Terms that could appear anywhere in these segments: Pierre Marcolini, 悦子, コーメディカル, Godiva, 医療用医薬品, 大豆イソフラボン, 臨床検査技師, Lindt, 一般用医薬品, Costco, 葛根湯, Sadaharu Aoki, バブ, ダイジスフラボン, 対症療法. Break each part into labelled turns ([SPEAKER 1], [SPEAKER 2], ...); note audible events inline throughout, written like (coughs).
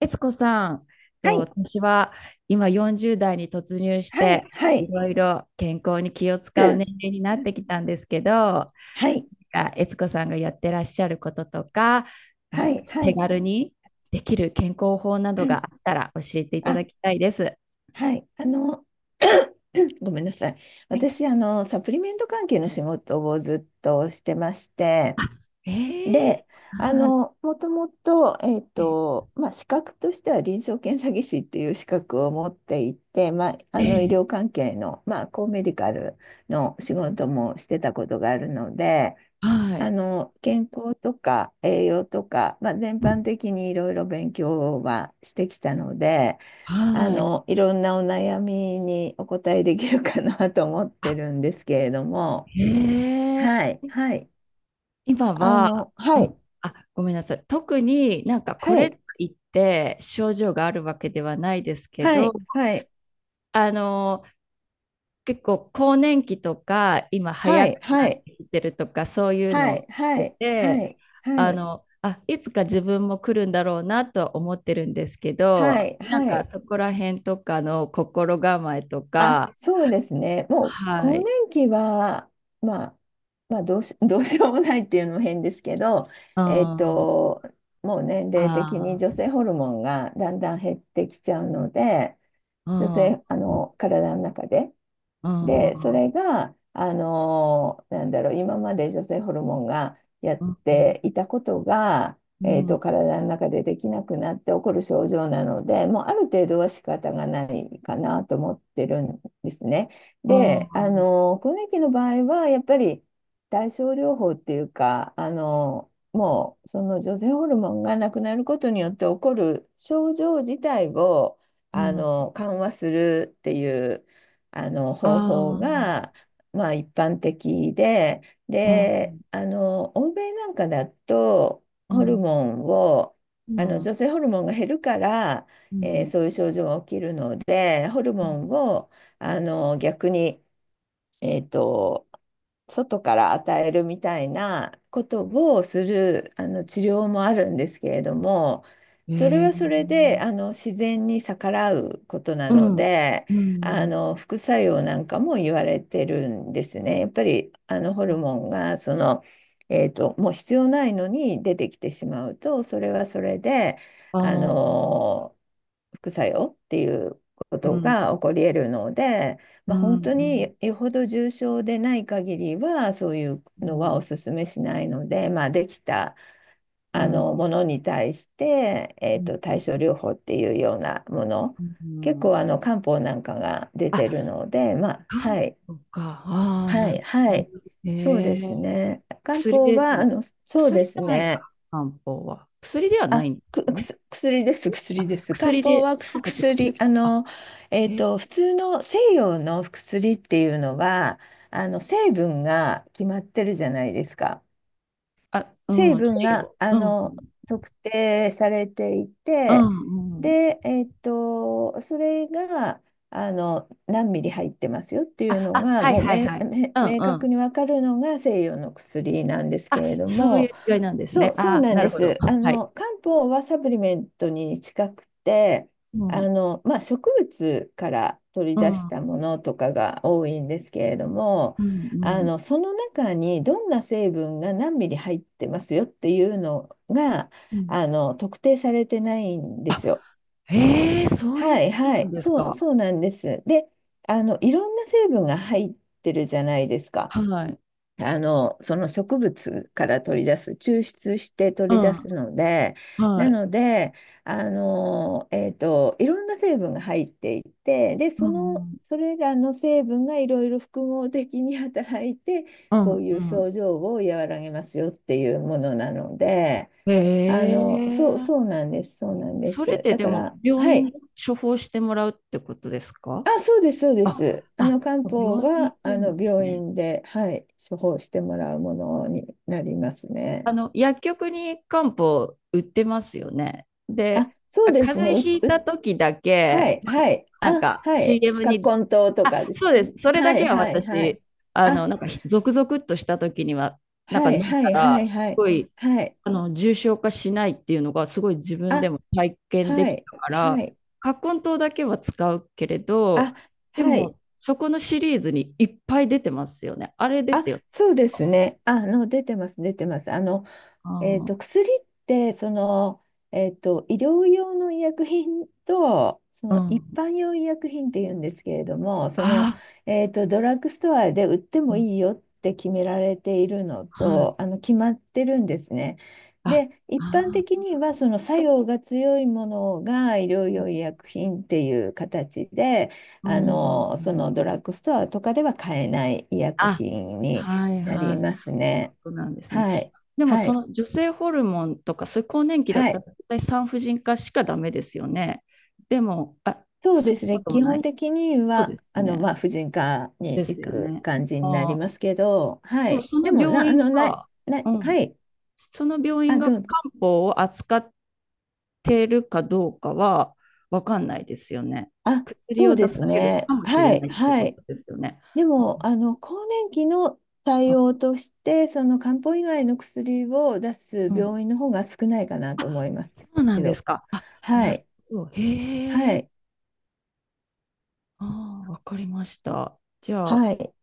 [SPEAKER 1] 悦子さん、
[SPEAKER 2] は
[SPEAKER 1] と
[SPEAKER 2] い、
[SPEAKER 1] 私は今40代に突入し
[SPEAKER 2] は
[SPEAKER 1] て、
[SPEAKER 2] い、は
[SPEAKER 1] い
[SPEAKER 2] い。
[SPEAKER 1] ろいろ健康に気を
[SPEAKER 2] (clears throat)
[SPEAKER 1] 使う年齢になってき
[SPEAKER 2] (coughs)
[SPEAKER 1] たんですけど、な
[SPEAKER 2] はい、
[SPEAKER 1] んか悦子さんがやってらっしゃることとか、
[SPEAKER 2] は
[SPEAKER 1] あ
[SPEAKER 2] い、は
[SPEAKER 1] 手
[SPEAKER 2] い。
[SPEAKER 1] 軽にできる健康法などが
[SPEAKER 2] (clears throat)
[SPEAKER 1] あったら教えてい
[SPEAKER 2] (coughs)
[SPEAKER 1] ただ
[SPEAKER 2] あ、
[SPEAKER 1] きたいです。
[SPEAKER 2] はい。(clears throat) (coughs) ごめんなさい。
[SPEAKER 1] はい。
[SPEAKER 2] 私、サプリメント関係の仕事をずっとしてまして、
[SPEAKER 1] あ、えー、
[SPEAKER 2] で、あ
[SPEAKER 1] は
[SPEAKER 2] の、もともと、えっ
[SPEAKER 1] い。
[SPEAKER 2] と、まあ、資格としては臨床検査技師っていう資格を持っていて、
[SPEAKER 1] え
[SPEAKER 2] 医
[SPEAKER 1] ー
[SPEAKER 2] 療関係の、コーメディカルの仕事もしてたことがあるので、
[SPEAKER 1] はい、
[SPEAKER 2] 健康とか栄養とか、全般的にいろいろ勉強はしてきたので、
[SPEAKER 1] はい。
[SPEAKER 2] いろんなお悩みにお答えできるかな (laughs) と思って
[SPEAKER 1] あ、
[SPEAKER 2] るんですけれども、
[SPEAKER 1] えー
[SPEAKER 2] はい、はい、
[SPEAKER 1] 今は、う
[SPEAKER 2] は
[SPEAKER 1] ん、
[SPEAKER 2] い、
[SPEAKER 1] あ、ごめんなさい。特になんかこ
[SPEAKER 2] は
[SPEAKER 1] れと
[SPEAKER 2] い、
[SPEAKER 1] いって症状があるわけではないですけ
[SPEAKER 2] は
[SPEAKER 1] ど、
[SPEAKER 2] い、はい、
[SPEAKER 1] あの、結構更年期とか今
[SPEAKER 2] は
[SPEAKER 1] 早く
[SPEAKER 2] い、は
[SPEAKER 1] なっ
[SPEAKER 2] い、
[SPEAKER 1] てきてるとかそういう
[SPEAKER 2] は
[SPEAKER 1] のを聞
[SPEAKER 2] い、は
[SPEAKER 1] いて
[SPEAKER 2] い、は
[SPEAKER 1] て、
[SPEAKER 2] い、は
[SPEAKER 1] あ
[SPEAKER 2] い、
[SPEAKER 1] の、あ、いつか自分も来るんだろうなとは思ってるんですけ
[SPEAKER 2] は
[SPEAKER 1] ど、
[SPEAKER 2] い、
[SPEAKER 1] なん
[SPEAKER 2] は
[SPEAKER 1] か
[SPEAKER 2] い、
[SPEAKER 1] そこら辺とかの心構えと
[SPEAKER 2] あ、
[SPEAKER 1] か。
[SPEAKER 2] そうですね。もう、
[SPEAKER 1] は
[SPEAKER 2] 更
[SPEAKER 1] い。
[SPEAKER 2] 年期は、まあ、まあどうし、(laughs) どうしようもないっていうのも変ですけど、
[SPEAKER 1] うん、
[SPEAKER 2] えっ
[SPEAKER 1] あ
[SPEAKER 2] と、もう年齢的に女性
[SPEAKER 1] ー、
[SPEAKER 2] ホルモンがだんだん減ってきちゃうので、
[SPEAKER 1] う
[SPEAKER 2] 女
[SPEAKER 1] ん、う
[SPEAKER 2] 性、あの、体の中で。
[SPEAKER 1] ん、うん、
[SPEAKER 2] で、それが、なんだろう、今まで女性ホルモンがや
[SPEAKER 1] う
[SPEAKER 2] っ
[SPEAKER 1] ん、
[SPEAKER 2] ていたことが、
[SPEAKER 1] うん、
[SPEAKER 2] 体の中でできなくなって起こる症状なので、もうある程度は仕方がないかなと思ってるんですね。
[SPEAKER 1] う
[SPEAKER 2] で、
[SPEAKER 1] ん。
[SPEAKER 2] 更年期の場合は、やっぱり対症療法っていうか、もうその女性ホルモンがなくなることによって起こる症状自体を
[SPEAKER 1] うん。
[SPEAKER 2] 緩和するっていう
[SPEAKER 1] あ
[SPEAKER 2] 方法
[SPEAKER 1] あ、
[SPEAKER 2] が、一般的で、
[SPEAKER 1] うん、
[SPEAKER 2] で、欧米なんかだと
[SPEAKER 1] う
[SPEAKER 2] ホル
[SPEAKER 1] ん、
[SPEAKER 2] モンを
[SPEAKER 1] う
[SPEAKER 2] あの
[SPEAKER 1] ん、
[SPEAKER 2] 女性ホルモンが減るから、
[SPEAKER 1] うん。
[SPEAKER 2] そういう症状が起きるのでホルモンを逆にえっと、外から与えるみたいなことをする治療もあるんですけれども、それ
[SPEAKER 1] え
[SPEAKER 2] はそれで
[SPEAKER 1] え、
[SPEAKER 2] 自然に逆らうことな
[SPEAKER 1] う
[SPEAKER 2] の
[SPEAKER 1] ん、
[SPEAKER 2] で、
[SPEAKER 1] うん。
[SPEAKER 2] 副作用なんかも言われてるんですね。やっぱりホルモンがもう必要ないのに出てきてしまうと、それはそれで、
[SPEAKER 1] あ
[SPEAKER 2] あ
[SPEAKER 1] あ、
[SPEAKER 2] の副作用っていうこ
[SPEAKER 1] う
[SPEAKER 2] と
[SPEAKER 1] ん、
[SPEAKER 2] が起こり得るので。
[SPEAKER 1] う
[SPEAKER 2] まあ、
[SPEAKER 1] ん、う
[SPEAKER 2] 本当
[SPEAKER 1] ん、
[SPEAKER 2] によほど重症でない限りはそういう
[SPEAKER 1] う
[SPEAKER 2] の
[SPEAKER 1] ん、
[SPEAKER 2] はお勧めしないので、まあ、できた
[SPEAKER 1] うん、
[SPEAKER 2] ものに対して、
[SPEAKER 1] うん。
[SPEAKER 2] 対症療法っていうようなもの
[SPEAKER 1] う
[SPEAKER 2] 結
[SPEAKER 1] ん、
[SPEAKER 2] 構漢方なんかが出て
[SPEAKER 1] あ、
[SPEAKER 2] るので、まあ、
[SPEAKER 1] 漢
[SPEAKER 2] はい
[SPEAKER 1] 方か。ああ、
[SPEAKER 2] は
[SPEAKER 1] な
[SPEAKER 2] い
[SPEAKER 1] るほ
[SPEAKER 2] はい
[SPEAKER 1] ど。え
[SPEAKER 2] そうです
[SPEAKER 1] え、
[SPEAKER 2] ね漢
[SPEAKER 1] 薬
[SPEAKER 2] 方
[SPEAKER 1] で、
[SPEAKER 2] は
[SPEAKER 1] うん、
[SPEAKER 2] そうで
[SPEAKER 1] 薬じ
[SPEAKER 2] す
[SPEAKER 1] ゃない
[SPEAKER 2] ね
[SPEAKER 1] か、漢方は。薬ではな
[SPEAKER 2] あ、
[SPEAKER 1] いんで
[SPEAKER 2] く、
[SPEAKER 1] すよ
[SPEAKER 2] く
[SPEAKER 1] ね。
[SPEAKER 2] す、薬です、薬で
[SPEAKER 1] あ、
[SPEAKER 2] す。漢
[SPEAKER 1] 薬
[SPEAKER 2] 方
[SPEAKER 1] で、
[SPEAKER 2] はくす
[SPEAKER 1] 漢方って
[SPEAKER 2] 薬、
[SPEAKER 1] 薬、あ、え、
[SPEAKER 2] 普通の西洋の薬っていうのは、成分が決まってるじゃないですか。
[SPEAKER 1] あ、う
[SPEAKER 2] 成
[SPEAKER 1] ん、
[SPEAKER 2] 分
[SPEAKER 1] 薬
[SPEAKER 2] が、
[SPEAKER 1] を、うん、うん、
[SPEAKER 2] 特定されてい
[SPEAKER 1] う
[SPEAKER 2] て、
[SPEAKER 1] ん、うん、
[SPEAKER 2] で、それが、何ミリ入ってますよっていう
[SPEAKER 1] あ、
[SPEAKER 2] の
[SPEAKER 1] あ、
[SPEAKER 2] が、
[SPEAKER 1] はい、
[SPEAKER 2] もう
[SPEAKER 1] はい、はい。うん、
[SPEAKER 2] 明
[SPEAKER 1] う
[SPEAKER 2] 確
[SPEAKER 1] ん。
[SPEAKER 2] にわかるのが西洋の薬なんですけ
[SPEAKER 1] あ、
[SPEAKER 2] れど
[SPEAKER 1] そうい
[SPEAKER 2] も、
[SPEAKER 1] う違いなんです
[SPEAKER 2] そ
[SPEAKER 1] ね。
[SPEAKER 2] う、そう
[SPEAKER 1] あ、
[SPEAKER 2] なん
[SPEAKER 1] な
[SPEAKER 2] で
[SPEAKER 1] るほど。
[SPEAKER 2] す。
[SPEAKER 1] はい。
[SPEAKER 2] 漢方はサプリメントに近くて、
[SPEAKER 1] うん、うん、
[SPEAKER 2] 植物から取り
[SPEAKER 1] う
[SPEAKER 2] 出し
[SPEAKER 1] ん、
[SPEAKER 2] たものとかが多いんですけれども、
[SPEAKER 1] うん、
[SPEAKER 2] その中にどんな成分が何ミリ入ってますよっていうのが、
[SPEAKER 1] うん。
[SPEAKER 2] 特定されてないんで
[SPEAKER 1] あ、
[SPEAKER 2] すよ。
[SPEAKER 1] へえ、そういう
[SPEAKER 2] は
[SPEAKER 1] こ
[SPEAKER 2] いは
[SPEAKER 1] となん
[SPEAKER 2] い、
[SPEAKER 1] です
[SPEAKER 2] そう、
[SPEAKER 1] か。
[SPEAKER 2] そうなんです。で、いろんな成分が入ってるじゃないですか。
[SPEAKER 1] はい。
[SPEAKER 2] その植物から取り出す、抽出して
[SPEAKER 1] う
[SPEAKER 2] 取り出
[SPEAKER 1] ん、
[SPEAKER 2] すので、
[SPEAKER 1] は
[SPEAKER 2] な
[SPEAKER 1] い。
[SPEAKER 2] ので、いろんな成分が入っていて、で、
[SPEAKER 1] うん、
[SPEAKER 2] それらの成分がいろいろ複合的に働いて、
[SPEAKER 1] うん、う
[SPEAKER 2] こう
[SPEAKER 1] ん。
[SPEAKER 2] い
[SPEAKER 1] う
[SPEAKER 2] う
[SPEAKER 1] ん、
[SPEAKER 2] 症状を和らげますよっていうものなので、
[SPEAKER 1] へ
[SPEAKER 2] そう、
[SPEAKER 1] え。
[SPEAKER 2] そうなんです、そうなんで
[SPEAKER 1] それ
[SPEAKER 2] す。
[SPEAKER 1] で
[SPEAKER 2] だ
[SPEAKER 1] で
[SPEAKER 2] か
[SPEAKER 1] も、
[SPEAKER 2] ら、
[SPEAKER 1] 病
[SPEAKER 2] は
[SPEAKER 1] 院で
[SPEAKER 2] い、
[SPEAKER 1] 処方してもらうってことですか？
[SPEAKER 2] あ、そうです、そうで
[SPEAKER 1] あ、
[SPEAKER 2] す。
[SPEAKER 1] あ、
[SPEAKER 2] 漢方
[SPEAKER 1] 病院に
[SPEAKER 2] は
[SPEAKER 1] 行くんです
[SPEAKER 2] 病
[SPEAKER 1] ね。
[SPEAKER 2] 院で、はい、処方してもらうものになりますね。
[SPEAKER 1] あの、薬局に漢方売ってますよね。
[SPEAKER 2] あ、
[SPEAKER 1] で、
[SPEAKER 2] そうで
[SPEAKER 1] 風
[SPEAKER 2] すね。
[SPEAKER 1] 邪ひいた時だ
[SPEAKER 2] は
[SPEAKER 1] け、
[SPEAKER 2] い、はい。
[SPEAKER 1] なん
[SPEAKER 2] あ、
[SPEAKER 1] か
[SPEAKER 2] はい。
[SPEAKER 1] CM に、
[SPEAKER 2] 葛根湯とか
[SPEAKER 1] あ、
[SPEAKER 2] です
[SPEAKER 1] そう
[SPEAKER 2] か。
[SPEAKER 1] です。それだ
[SPEAKER 2] はい、
[SPEAKER 1] けは
[SPEAKER 2] はい、はい。
[SPEAKER 1] 私、あの、
[SPEAKER 2] あ、
[SPEAKER 1] なんかひゾクゾクっとした時には、なんか
[SPEAKER 2] は
[SPEAKER 1] 飲ん
[SPEAKER 2] い、は
[SPEAKER 1] だ
[SPEAKER 2] い、はい、
[SPEAKER 1] ら、
[SPEAKER 2] は
[SPEAKER 1] す
[SPEAKER 2] い。
[SPEAKER 1] ごい、
[SPEAKER 2] はい。
[SPEAKER 1] あの、重症化しないっていうのが、すごい自分で
[SPEAKER 2] あ、
[SPEAKER 1] も体験で
[SPEAKER 2] は
[SPEAKER 1] き
[SPEAKER 2] い、
[SPEAKER 1] たか
[SPEAKER 2] は
[SPEAKER 1] ら、
[SPEAKER 2] い。
[SPEAKER 1] 葛根湯だけは使うけれど、
[SPEAKER 2] あ、
[SPEAKER 1] で
[SPEAKER 2] はい。
[SPEAKER 1] も、そこのシリーズにいっぱい出てますよね。あれで
[SPEAKER 2] あ、
[SPEAKER 1] すよ。
[SPEAKER 2] そうですね。出てます、出てます。
[SPEAKER 1] あー、
[SPEAKER 2] 薬って、医療用の医薬品と、そ
[SPEAKER 1] う
[SPEAKER 2] の一
[SPEAKER 1] ん。
[SPEAKER 2] 般用医薬品っていうんですけれども、
[SPEAKER 1] あ
[SPEAKER 2] ドラッグストアで売って
[SPEAKER 1] ー、う
[SPEAKER 2] も
[SPEAKER 1] ん、
[SPEAKER 2] いいよって決められているの
[SPEAKER 1] はい。
[SPEAKER 2] と、決まってるんですね。
[SPEAKER 1] あ、
[SPEAKER 2] で、一般
[SPEAKER 1] あ
[SPEAKER 2] 的
[SPEAKER 1] あ、
[SPEAKER 2] には、その作用が強いものが医療用医薬品っていう形で、
[SPEAKER 1] うん。
[SPEAKER 2] そのドラッグストアとかでは買えない医薬
[SPEAKER 1] あ、
[SPEAKER 2] 品に
[SPEAKER 1] はい、
[SPEAKER 2] なり
[SPEAKER 1] はい。
[SPEAKER 2] ま
[SPEAKER 1] そ
[SPEAKER 2] す
[SPEAKER 1] ういうこ
[SPEAKER 2] ね。
[SPEAKER 1] となんですね。
[SPEAKER 2] はい。
[SPEAKER 1] でも
[SPEAKER 2] は
[SPEAKER 1] そ
[SPEAKER 2] い。
[SPEAKER 1] の女性ホルモンとか、そういう更年期だっ
[SPEAKER 2] は
[SPEAKER 1] たら
[SPEAKER 2] い、
[SPEAKER 1] 絶対産婦人科しかダメですよね。でも、あ、
[SPEAKER 2] そうで
[SPEAKER 1] そん
[SPEAKER 2] す
[SPEAKER 1] なこ
[SPEAKER 2] ね。
[SPEAKER 1] とも
[SPEAKER 2] 基
[SPEAKER 1] な
[SPEAKER 2] 本
[SPEAKER 1] い。
[SPEAKER 2] 的に
[SPEAKER 1] そうで
[SPEAKER 2] は、
[SPEAKER 1] すね。
[SPEAKER 2] 婦人科
[SPEAKER 1] で
[SPEAKER 2] に
[SPEAKER 1] す
[SPEAKER 2] 行
[SPEAKER 1] よ
[SPEAKER 2] く
[SPEAKER 1] ね。
[SPEAKER 2] 感じにな
[SPEAKER 1] あ
[SPEAKER 2] り
[SPEAKER 1] あ、
[SPEAKER 2] ますけど、は
[SPEAKER 1] でも
[SPEAKER 2] い。
[SPEAKER 1] そ
[SPEAKER 2] で
[SPEAKER 1] の
[SPEAKER 2] も、な、
[SPEAKER 1] 病
[SPEAKER 2] あ
[SPEAKER 1] 院
[SPEAKER 2] の、な、
[SPEAKER 1] が、
[SPEAKER 2] な、
[SPEAKER 1] うん。
[SPEAKER 2] はい。
[SPEAKER 1] その病院
[SPEAKER 2] あ、
[SPEAKER 1] が
[SPEAKER 2] ど
[SPEAKER 1] 漢
[SPEAKER 2] うぞ。
[SPEAKER 1] 方を扱ってるかどうかは分かんないですよね。
[SPEAKER 2] あ、
[SPEAKER 1] 薬
[SPEAKER 2] そう
[SPEAKER 1] を出
[SPEAKER 2] で
[SPEAKER 1] さ
[SPEAKER 2] す
[SPEAKER 1] れる
[SPEAKER 2] ね。
[SPEAKER 1] かもしれ
[SPEAKER 2] は
[SPEAKER 1] な
[SPEAKER 2] い、
[SPEAKER 1] いって
[SPEAKER 2] は
[SPEAKER 1] こ
[SPEAKER 2] い。
[SPEAKER 1] とですよね。
[SPEAKER 2] でも、更年期の
[SPEAKER 1] う
[SPEAKER 2] 対
[SPEAKER 1] ん、
[SPEAKER 2] 応として、その漢方以外の薬を出す
[SPEAKER 1] うん、
[SPEAKER 2] 病院の方が少ないかなと
[SPEAKER 1] あ、
[SPEAKER 2] 思いま
[SPEAKER 1] そ
[SPEAKER 2] す
[SPEAKER 1] うなん
[SPEAKER 2] け
[SPEAKER 1] です
[SPEAKER 2] ど、
[SPEAKER 1] か。あ、
[SPEAKER 2] は
[SPEAKER 1] なる
[SPEAKER 2] い、
[SPEAKER 1] ほど。へ
[SPEAKER 2] は
[SPEAKER 1] え。
[SPEAKER 2] い、
[SPEAKER 1] ああ、わかりました。じゃ
[SPEAKER 2] は
[SPEAKER 1] あ、
[SPEAKER 2] い。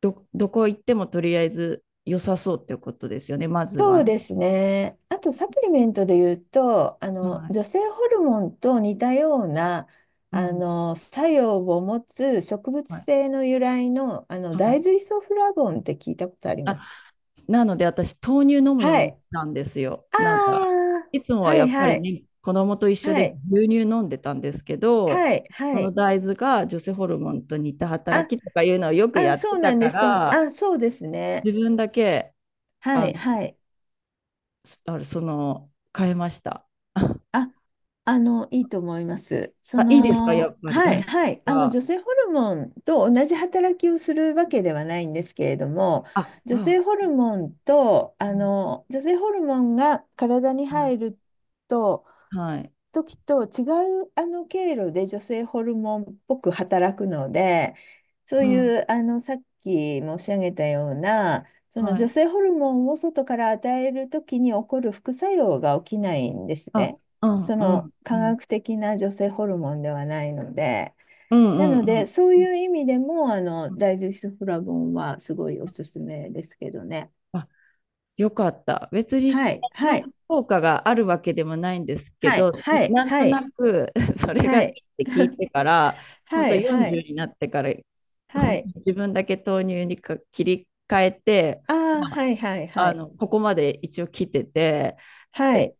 [SPEAKER 1] ど、どこ行ってもとりあえず良さそうってことですよね。まずは
[SPEAKER 2] そう
[SPEAKER 1] ね。
[SPEAKER 2] ですね。あとサプリメントで言うと、
[SPEAKER 1] はい。
[SPEAKER 2] 女性ホルモンと似たような
[SPEAKER 1] うん。
[SPEAKER 2] 作用を持つ植物
[SPEAKER 1] はい。
[SPEAKER 2] 性の由来の、
[SPEAKER 1] は
[SPEAKER 2] 大
[SPEAKER 1] い。
[SPEAKER 2] 豆イソフラボンって聞いたことあり
[SPEAKER 1] あ、
[SPEAKER 2] ます。
[SPEAKER 1] なので私、豆乳飲むよう
[SPEAKER 2] は
[SPEAKER 1] に
[SPEAKER 2] い。
[SPEAKER 1] したんですよ。
[SPEAKER 2] あ
[SPEAKER 1] なんか、
[SPEAKER 2] あ、
[SPEAKER 1] いつもは
[SPEAKER 2] は
[SPEAKER 1] や
[SPEAKER 2] い
[SPEAKER 1] っぱ
[SPEAKER 2] は
[SPEAKER 1] り
[SPEAKER 2] い
[SPEAKER 1] ね、子供と一緒で
[SPEAKER 2] はい
[SPEAKER 1] 牛乳飲んでたんですけど、
[SPEAKER 2] はい
[SPEAKER 1] そ
[SPEAKER 2] は
[SPEAKER 1] の
[SPEAKER 2] い。
[SPEAKER 1] 大豆が女性ホルモンと似た働
[SPEAKER 2] あ、
[SPEAKER 1] きとかいうのをよく
[SPEAKER 2] あ、
[SPEAKER 1] やって
[SPEAKER 2] そうな
[SPEAKER 1] た
[SPEAKER 2] んで
[SPEAKER 1] か
[SPEAKER 2] す。そう、
[SPEAKER 1] ら、
[SPEAKER 2] あ、そうですね。
[SPEAKER 1] 自分だけ、
[SPEAKER 2] は
[SPEAKER 1] あの、
[SPEAKER 2] いはい。
[SPEAKER 1] すあれその、変えました。(laughs)
[SPEAKER 2] あ、いいと思います。
[SPEAKER 1] あ、いいですか、やっぱり。あ、
[SPEAKER 2] はい、
[SPEAKER 1] よかっ
[SPEAKER 2] はい、
[SPEAKER 1] た。
[SPEAKER 2] 女性ホルモンと同じ働きをするわけではないんですけれども、
[SPEAKER 1] あ、あ、うん、
[SPEAKER 2] 女性ホルモンが体に
[SPEAKER 1] はい、
[SPEAKER 2] 入ると、
[SPEAKER 1] はい、
[SPEAKER 2] 時と違う経路で女性ホルモンっぽく働くので、そう
[SPEAKER 1] うん、
[SPEAKER 2] いうさっき申し上げたような、その
[SPEAKER 1] は
[SPEAKER 2] 女
[SPEAKER 1] い。
[SPEAKER 2] 性ホルモンを外から与える時に起こる副作用が起きないんです
[SPEAKER 1] あ、
[SPEAKER 2] ね。
[SPEAKER 1] うん、
[SPEAKER 2] そ
[SPEAKER 1] うん、
[SPEAKER 2] の
[SPEAKER 1] う
[SPEAKER 2] 科
[SPEAKER 1] ん、
[SPEAKER 2] 学的な女性ホルモンではないので。
[SPEAKER 1] う
[SPEAKER 2] な
[SPEAKER 1] ん、うん、
[SPEAKER 2] の
[SPEAKER 1] う
[SPEAKER 2] で、
[SPEAKER 1] ん、
[SPEAKER 2] そう
[SPEAKER 1] うん。
[SPEAKER 2] いう意味でも、
[SPEAKER 1] うん、
[SPEAKER 2] ダイジスフラボンはすごいおすすめですけどね。
[SPEAKER 1] あ、よかった。別に
[SPEAKER 2] はい、は
[SPEAKER 1] の
[SPEAKER 2] い、
[SPEAKER 1] 効果があるわけでもないんですけ
[SPEAKER 2] はい、
[SPEAKER 1] ど、
[SPEAKER 2] はい、
[SPEAKER 1] なんと
[SPEAKER 2] はい、
[SPEAKER 1] なく (laughs) そ
[SPEAKER 2] (laughs)
[SPEAKER 1] れ
[SPEAKER 2] は
[SPEAKER 1] がいいっ
[SPEAKER 2] い。
[SPEAKER 1] て聞い
[SPEAKER 2] (laughs)
[SPEAKER 1] てから、本
[SPEAKER 2] は
[SPEAKER 1] 当
[SPEAKER 2] い、はい。
[SPEAKER 1] 40になってから、
[SPEAKER 2] は
[SPEAKER 1] 本当
[SPEAKER 2] い。
[SPEAKER 1] に自分だけ豆乳にか切り替えて、
[SPEAKER 2] ああ、
[SPEAKER 1] まあ、
[SPEAKER 2] はいはいは
[SPEAKER 1] あ
[SPEAKER 2] い。
[SPEAKER 1] のここまで一応来てて、
[SPEAKER 2] はい。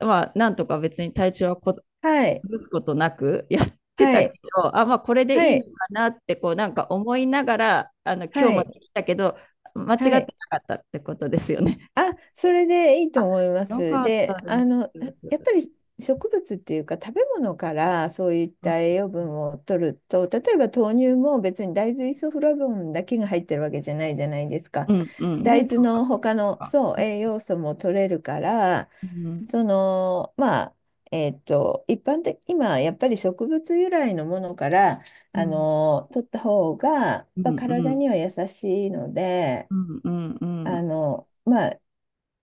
[SPEAKER 1] え、まあ、なんとか別に体調はこず
[SPEAKER 2] はい。
[SPEAKER 1] 崩すことなく (laughs) やって
[SPEAKER 2] は
[SPEAKER 1] たけ
[SPEAKER 2] い。
[SPEAKER 1] ど、あ、まあ、これで
[SPEAKER 2] は
[SPEAKER 1] いいのか
[SPEAKER 2] い。
[SPEAKER 1] なってこうなんか思いながら、あの今
[SPEAKER 2] は
[SPEAKER 1] 日も
[SPEAKER 2] い。
[SPEAKER 1] で来たけど、間違って
[SPEAKER 2] は
[SPEAKER 1] な
[SPEAKER 2] い。
[SPEAKER 1] かったってことですよね。
[SPEAKER 2] あ、それでいいと
[SPEAKER 1] あ、
[SPEAKER 2] 思いま
[SPEAKER 1] よ
[SPEAKER 2] す。
[SPEAKER 1] かっ
[SPEAKER 2] で、
[SPEAKER 1] たです。
[SPEAKER 2] やっぱり植物っていうか食べ物からそういった栄養分を取ると、例えば豆乳も別に大豆イソフラボンだけが入ってるわけじゃないじゃないですか。
[SPEAKER 1] うん、うん、ね、
[SPEAKER 2] 大豆
[SPEAKER 1] タンパ
[SPEAKER 2] の
[SPEAKER 1] ク
[SPEAKER 2] 他
[SPEAKER 1] 質と
[SPEAKER 2] の、
[SPEAKER 1] か。
[SPEAKER 2] そ
[SPEAKER 1] う
[SPEAKER 2] う、
[SPEAKER 1] ん、
[SPEAKER 2] 栄養素も取れるから、
[SPEAKER 1] うん、
[SPEAKER 2] そのまあ一般的今やっぱり植物由来のものから
[SPEAKER 1] うん、
[SPEAKER 2] 取った方がやっ
[SPEAKER 1] うん、
[SPEAKER 2] ぱ
[SPEAKER 1] う
[SPEAKER 2] 体
[SPEAKER 1] ん、
[SPEAKER 2] には優しいので
[SPEAKER 1] うん、うん、な
[SPEAKER 2] あのまあ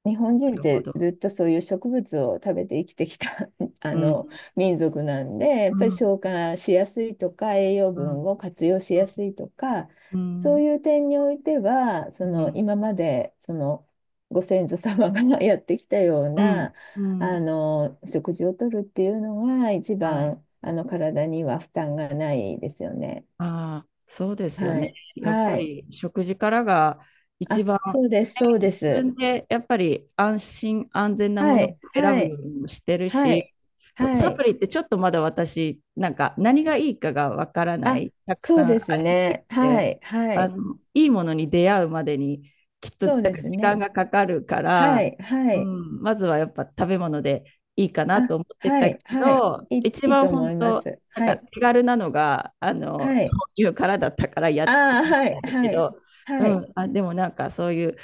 [SPEAKER 2] 日本人っ
[SPEAKER 1] るほ
[SPEAKER 2] て
[SPEAKER 1] ど。
[SPEAKER 2] ずっとそういう植物を食べて生きてきた (laughs) あ
[SPEAKER 1] うん、
[SPEAKER 2] の民族なんで、や
[SPEAKER 1] う
[SPEAKER 2] っぱり
[SPEAKER 1] ん、
[SPEAKER 2] 消化しやすいとか、栄養
[SPEAKER 1] うん、
[SPEAKER 2] 分を活用しやすいとか、
[SPEAKER 1] う
[SPEAKER 2] そう
[SPEAKER 1] ん、
[SPEAKER 2] いう点においては、そ
[SPEAKER 1] う
[SPEAKER 2] の
[SPEAKER 1] ん、
[SPEAKER 2] 今までそのご先祖様が (laughs) やってきたよう
[SPEAKER 1] うん、
[SPEAKER 2] な
[SPEAKER 1] うん、
[SPEAKER 2] 食事をとるっていうのが一
[SPEAKER 1] はい。
[SPEAKER 2] 番体には負担がないですよね。
[SPEAKER 1] ああ、そうですよ
[SPEAKER 2] は
[SPEAKER 1] ね。
[SPEAKER 2] い。
[SPEAKER 1] やっぱ
[SPEAKER 2] はい。
[SPEAKER 1] り食事からが一
[SPEAKER 2] あ、
[SPEAKER 1] 番
[SPEAKER 2] そうです、そう
[SPEAKER 1] 自
[SPEAKER 2] です。
[SPEAKER 1] 分でやっぱり安心安全なも
[SPEAKER 2] は
[SPEAKER 1] のを
[SPEAKER 2] い、
[SPEAKER 1] 選
[SPEAKER 2] は
[SPEAKER 1] ぶよう
[SPEAKER 2] い、
[SPEAKER 1] にもしてる
[SPEAKER 2] はい、
[SPEAKER 1] し、そう
[SPEAKER 2] は
[SPEAKER 1] サプ
[SPEAKER 2] い。
[SPEAKER 1] リってちょっとまだ私、なんか何がいいかがわからな
[SPEAKER 2] あ、
[SPEAKER 1] い、たく
[SPEAKER 2] そう
[SPEAKER 1] さんあ
[SPEAKER 2] です
[SPEAKER 1] りすぎ
[SPEAKER 2] ね。は
[SPEAKER 1] て、
[SPEAKER 2] い、は
[SPEAKER 1] あ
[SPEAKER 2] い。
[SPEAKER 1] の、いいものに出会うまでにきっとな
[SPEAKER 2] そ
[SPEAKER 1] ん
[SPEAKER 2] う
[SPEAKER 1] か
[SPEAKER 2] で
[SPEAKER 1] ら
[SPEAKER 2] す
[SPEAKER 1] 時間
[SPEAKER 2] ね。
[SPEAKER 1] がかかるか
[SPEAKER 2] は
[SPEAKER 1] ら、
[SPEAKER 2] い、は
[SPEAKER 1] う
[SPEAKER 2] い。
[SPEAKER 1] ん、まずはやっぱ食べ物でいいかなと
[SPEAKER 2] あ、
[SPEAKER 1] 思って
[SPEAKER 2] は
[SPEAKER 1] たけ
[SPEAKER 2] い、はい。
[SPEAKER 1] ど、
[SPEAKER 2] いい、
[SPEAKER 1] 一
[SPEAKER 2] いい
[SPEAKER 1] 番
[SPEAKER 2] と
[SPEAKER 1] 本
[SPEAKER 2] 思いま
[SPEAKER 1] 当、
[SPEAKER 2] す。
[SPEAKER 1] なん
[SPEAKER 2] は
[SPEAKER 1] か
[SPEAKER 2] い、
[SPEAKER 1] 手軽なのが、あ
[SPEAKER 2] は
[SPEAKER 1] の、
[SPEAKER 2] い。
[SPEAKER 1] 豆乳からだったからやっ
[SPEAKER 2] あ
[SPEAKER 1] て
[SPEAKER 2] あ、
[SPEAKER 1] み
[SPEAKER 2] はい、
[SPEAKER 1] たんだけ
[SPEAKER 2] はい、
[SPEAKER 1] ど、う
[SPEAKER 2] はい。
[SPEAKER 1] ん、あ、でもなんかそういう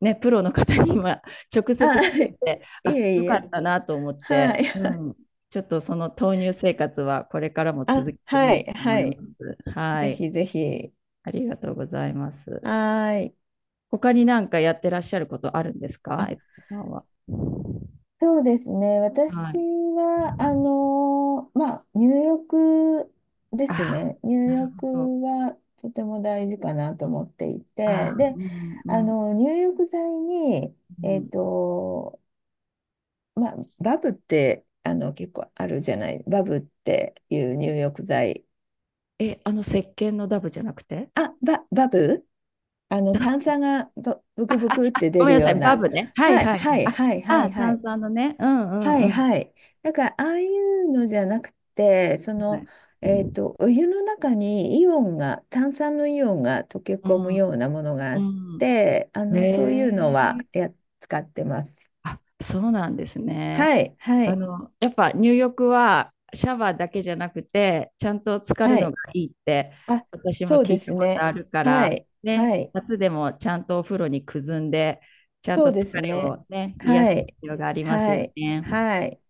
[SPEAKER 1] ね、プロの方に今直
[SPEAKER 2] ああ、
[SPEAKER 1] 接
[SPEAKER 2] は
[SPEAKER 1] 聞い
[SPEAKER 2] い。
[SPEAKER 1] て、
[SPEAKER 2] (laughs) い
[SPEAKER 1] あ、
[SPEAKER 2] え
[SPEAKER 1] よ
[SPEAKER 2] い
[SPEAKER 1] か
[SPEAKER 2] え。
[SPEAKER 1] ったなと思って、
[SPEAKER 2] はい。
[SPEAKER 1] うん、ちょっとその豆乳生活はこれから
[SPEAKER 2] (laughs)
[SPEAKER 1] も続
[SPEAKER 2] あ、
[SPEAKER 1] けてみ
[SPEAKER 2] は
[SPEAKER 1] よう
[SPEAKER 2] い、
[SPEAKER 1] と思
[SPEAKER 2] は
[SPEAKER 1] いま
[SPEAKER 2] い。
[SPEAKER 1] す。は
[SPEAKER 2] ぜ
[SPEAKER 1] い、
[SPEAKER 2] ひぜひ。
[SPEAKER 1] ありがとうございます。
[SPEAKER 2] はーい。
[SPEAKER 1] 他に何かやってらっしゃることあるんですか、
[SPEAKER 2] あ、
[SPEAKER 1] えつこさんは。
[SPEAKER 2] そうですね。
[SPEAKER 1] は
[SPEAKER 2] 私
[SPEAKER 1] い。
[SPEAKER 2] は、入浴です
[SPEAKER 1] あ、
[SPEAKER 2] ね。入
[SPEAKER 1] なる
[SPEAKER 2] 浴
[SPEAKER 1] ほど。
[SPEAKER 2] はとても大事かなと思っていて、
[SPEAKER 1] あ、
[SPEAKER 2] で、
[SPEAKER 1] うん、うん、
[SPEAKER 2] 入浴剤に、
[SPEAKER 1] う
[SPEAKER 2] えっ
[SPEAKER 1] ん。
[SPEAKER 2] と、バブって、結構あるじゃない。バブっていう入浴剤。
[SPEAKER 1] え、あの石鹸のダブじゃなくて
[SPEAKER 2] あ、バブ
[SPEAKER 1] ダブ。
[SPEAKER 2] 炭酸がブブクブクって
[SPEAKER 1] (laughs) ご
[SPEAKER 2] 出
[SPEAKER 1] めん
[SPEAKER 2] る
[SPEAKER 1] なさ
[SPEAKER 2] よ
[SPEAKER 1] い、
[SPEAKER 2] う
[SPEAKER 1] バ
[SPEAKER 2] な。
[SPEAKER 1] ブね。はい、
[SPEAKER 2] はい、
[SPEAKER 1] はい、
[SPEAKER 2] はい、
[SPEAKER 1] はい。
[SPEAKER 2] はい、
[SPEAKER 1] あ、
[SPEAKER 2] は
[SPEAKER 1] あ、
[SPEAKER 2] い、は
[SPEAKER 1] 炭
[SPEAKER 2] い。
[SPEAKER 1] 酸のね。うん、うん、
[SPEAKER 2] は
[SPEAKER 1] う
[SPEAKER 2] い
[SPEAKER 1] ん。
[SPEAKER 2] はい。だからああいうのじゃなくて、
[SPEAKER 1] はい。
[SPEAKER 2] お湯の中にイオンが、炭酸のイオンが溶け
[SPEAKER 1] う
[SPEAKER 2] 込む
[SPEAKER 1] ん、
[SPEAKER 2] ようなものがあ
[SPEAKER 1] う
[SPEAKER 2] っ
[SPEAKER 1] ん。
[SPEAKER 2] て、そうい
[SPEAKER 1] ね
[SPEAKER 2] うのは
[SPEAKER 1] え。
[SPEAKER 2] 使ってます。
[SPEAKER 1] あ、そうなんですね。
[SPEAKER 2] はい、は
[SPEAKER 1] あ
[SPEAKER 2] い、
[SPEAKER 1] の、やっぱ入浴はシャワーだけじゃなくて、ちゃんと浸かる
[SPEAKER 2] は
[SPEAKER 1] のが
[SPEAKER 2] い。
[SPEAKER 1] いいって、
[SPEAKER 2] あ、
[SPEAKER 1] 私も
[SPEAKER 2] そう
[SPEAKER 1] 聞
[SPEAKER 2] で
[SPEAKER 1] いた
[SPEAKER 2] す
[SPEAKER 1] こと
[SPEAKER 2] ね。
[SPEAKER 1] あるか
[SPEAKER 2] は
[SPEAKER 1] ら、
[SPEAKER 2] い、
[SPEAKER 1] ね、
[SPEAKER 2] はい。
[SPEAKER 1] 夏でもちゃんとお風呂にくずんで、ちゃん
[SPEAKER 2] そ
[SPEAKER 1] と
[SPEAKER 2] うで
[SPEAKER 1] 疲
[SPEAKER 2] す
[SPEAKER 1] れ
[SPEAKER 2] ね。
[SPEAKER 1] をね、癒
[SPEAKER 2] は
[SPEAKER 1] す必
[SPEAKER 2] い、
[SPEAKER 1] 要があります
[SPEAKER 2] は
[SPEAKER 1] よ
[SPEAKER 2] い、
[SPEAKER 1] ね。
[SPEAKER 2] はい。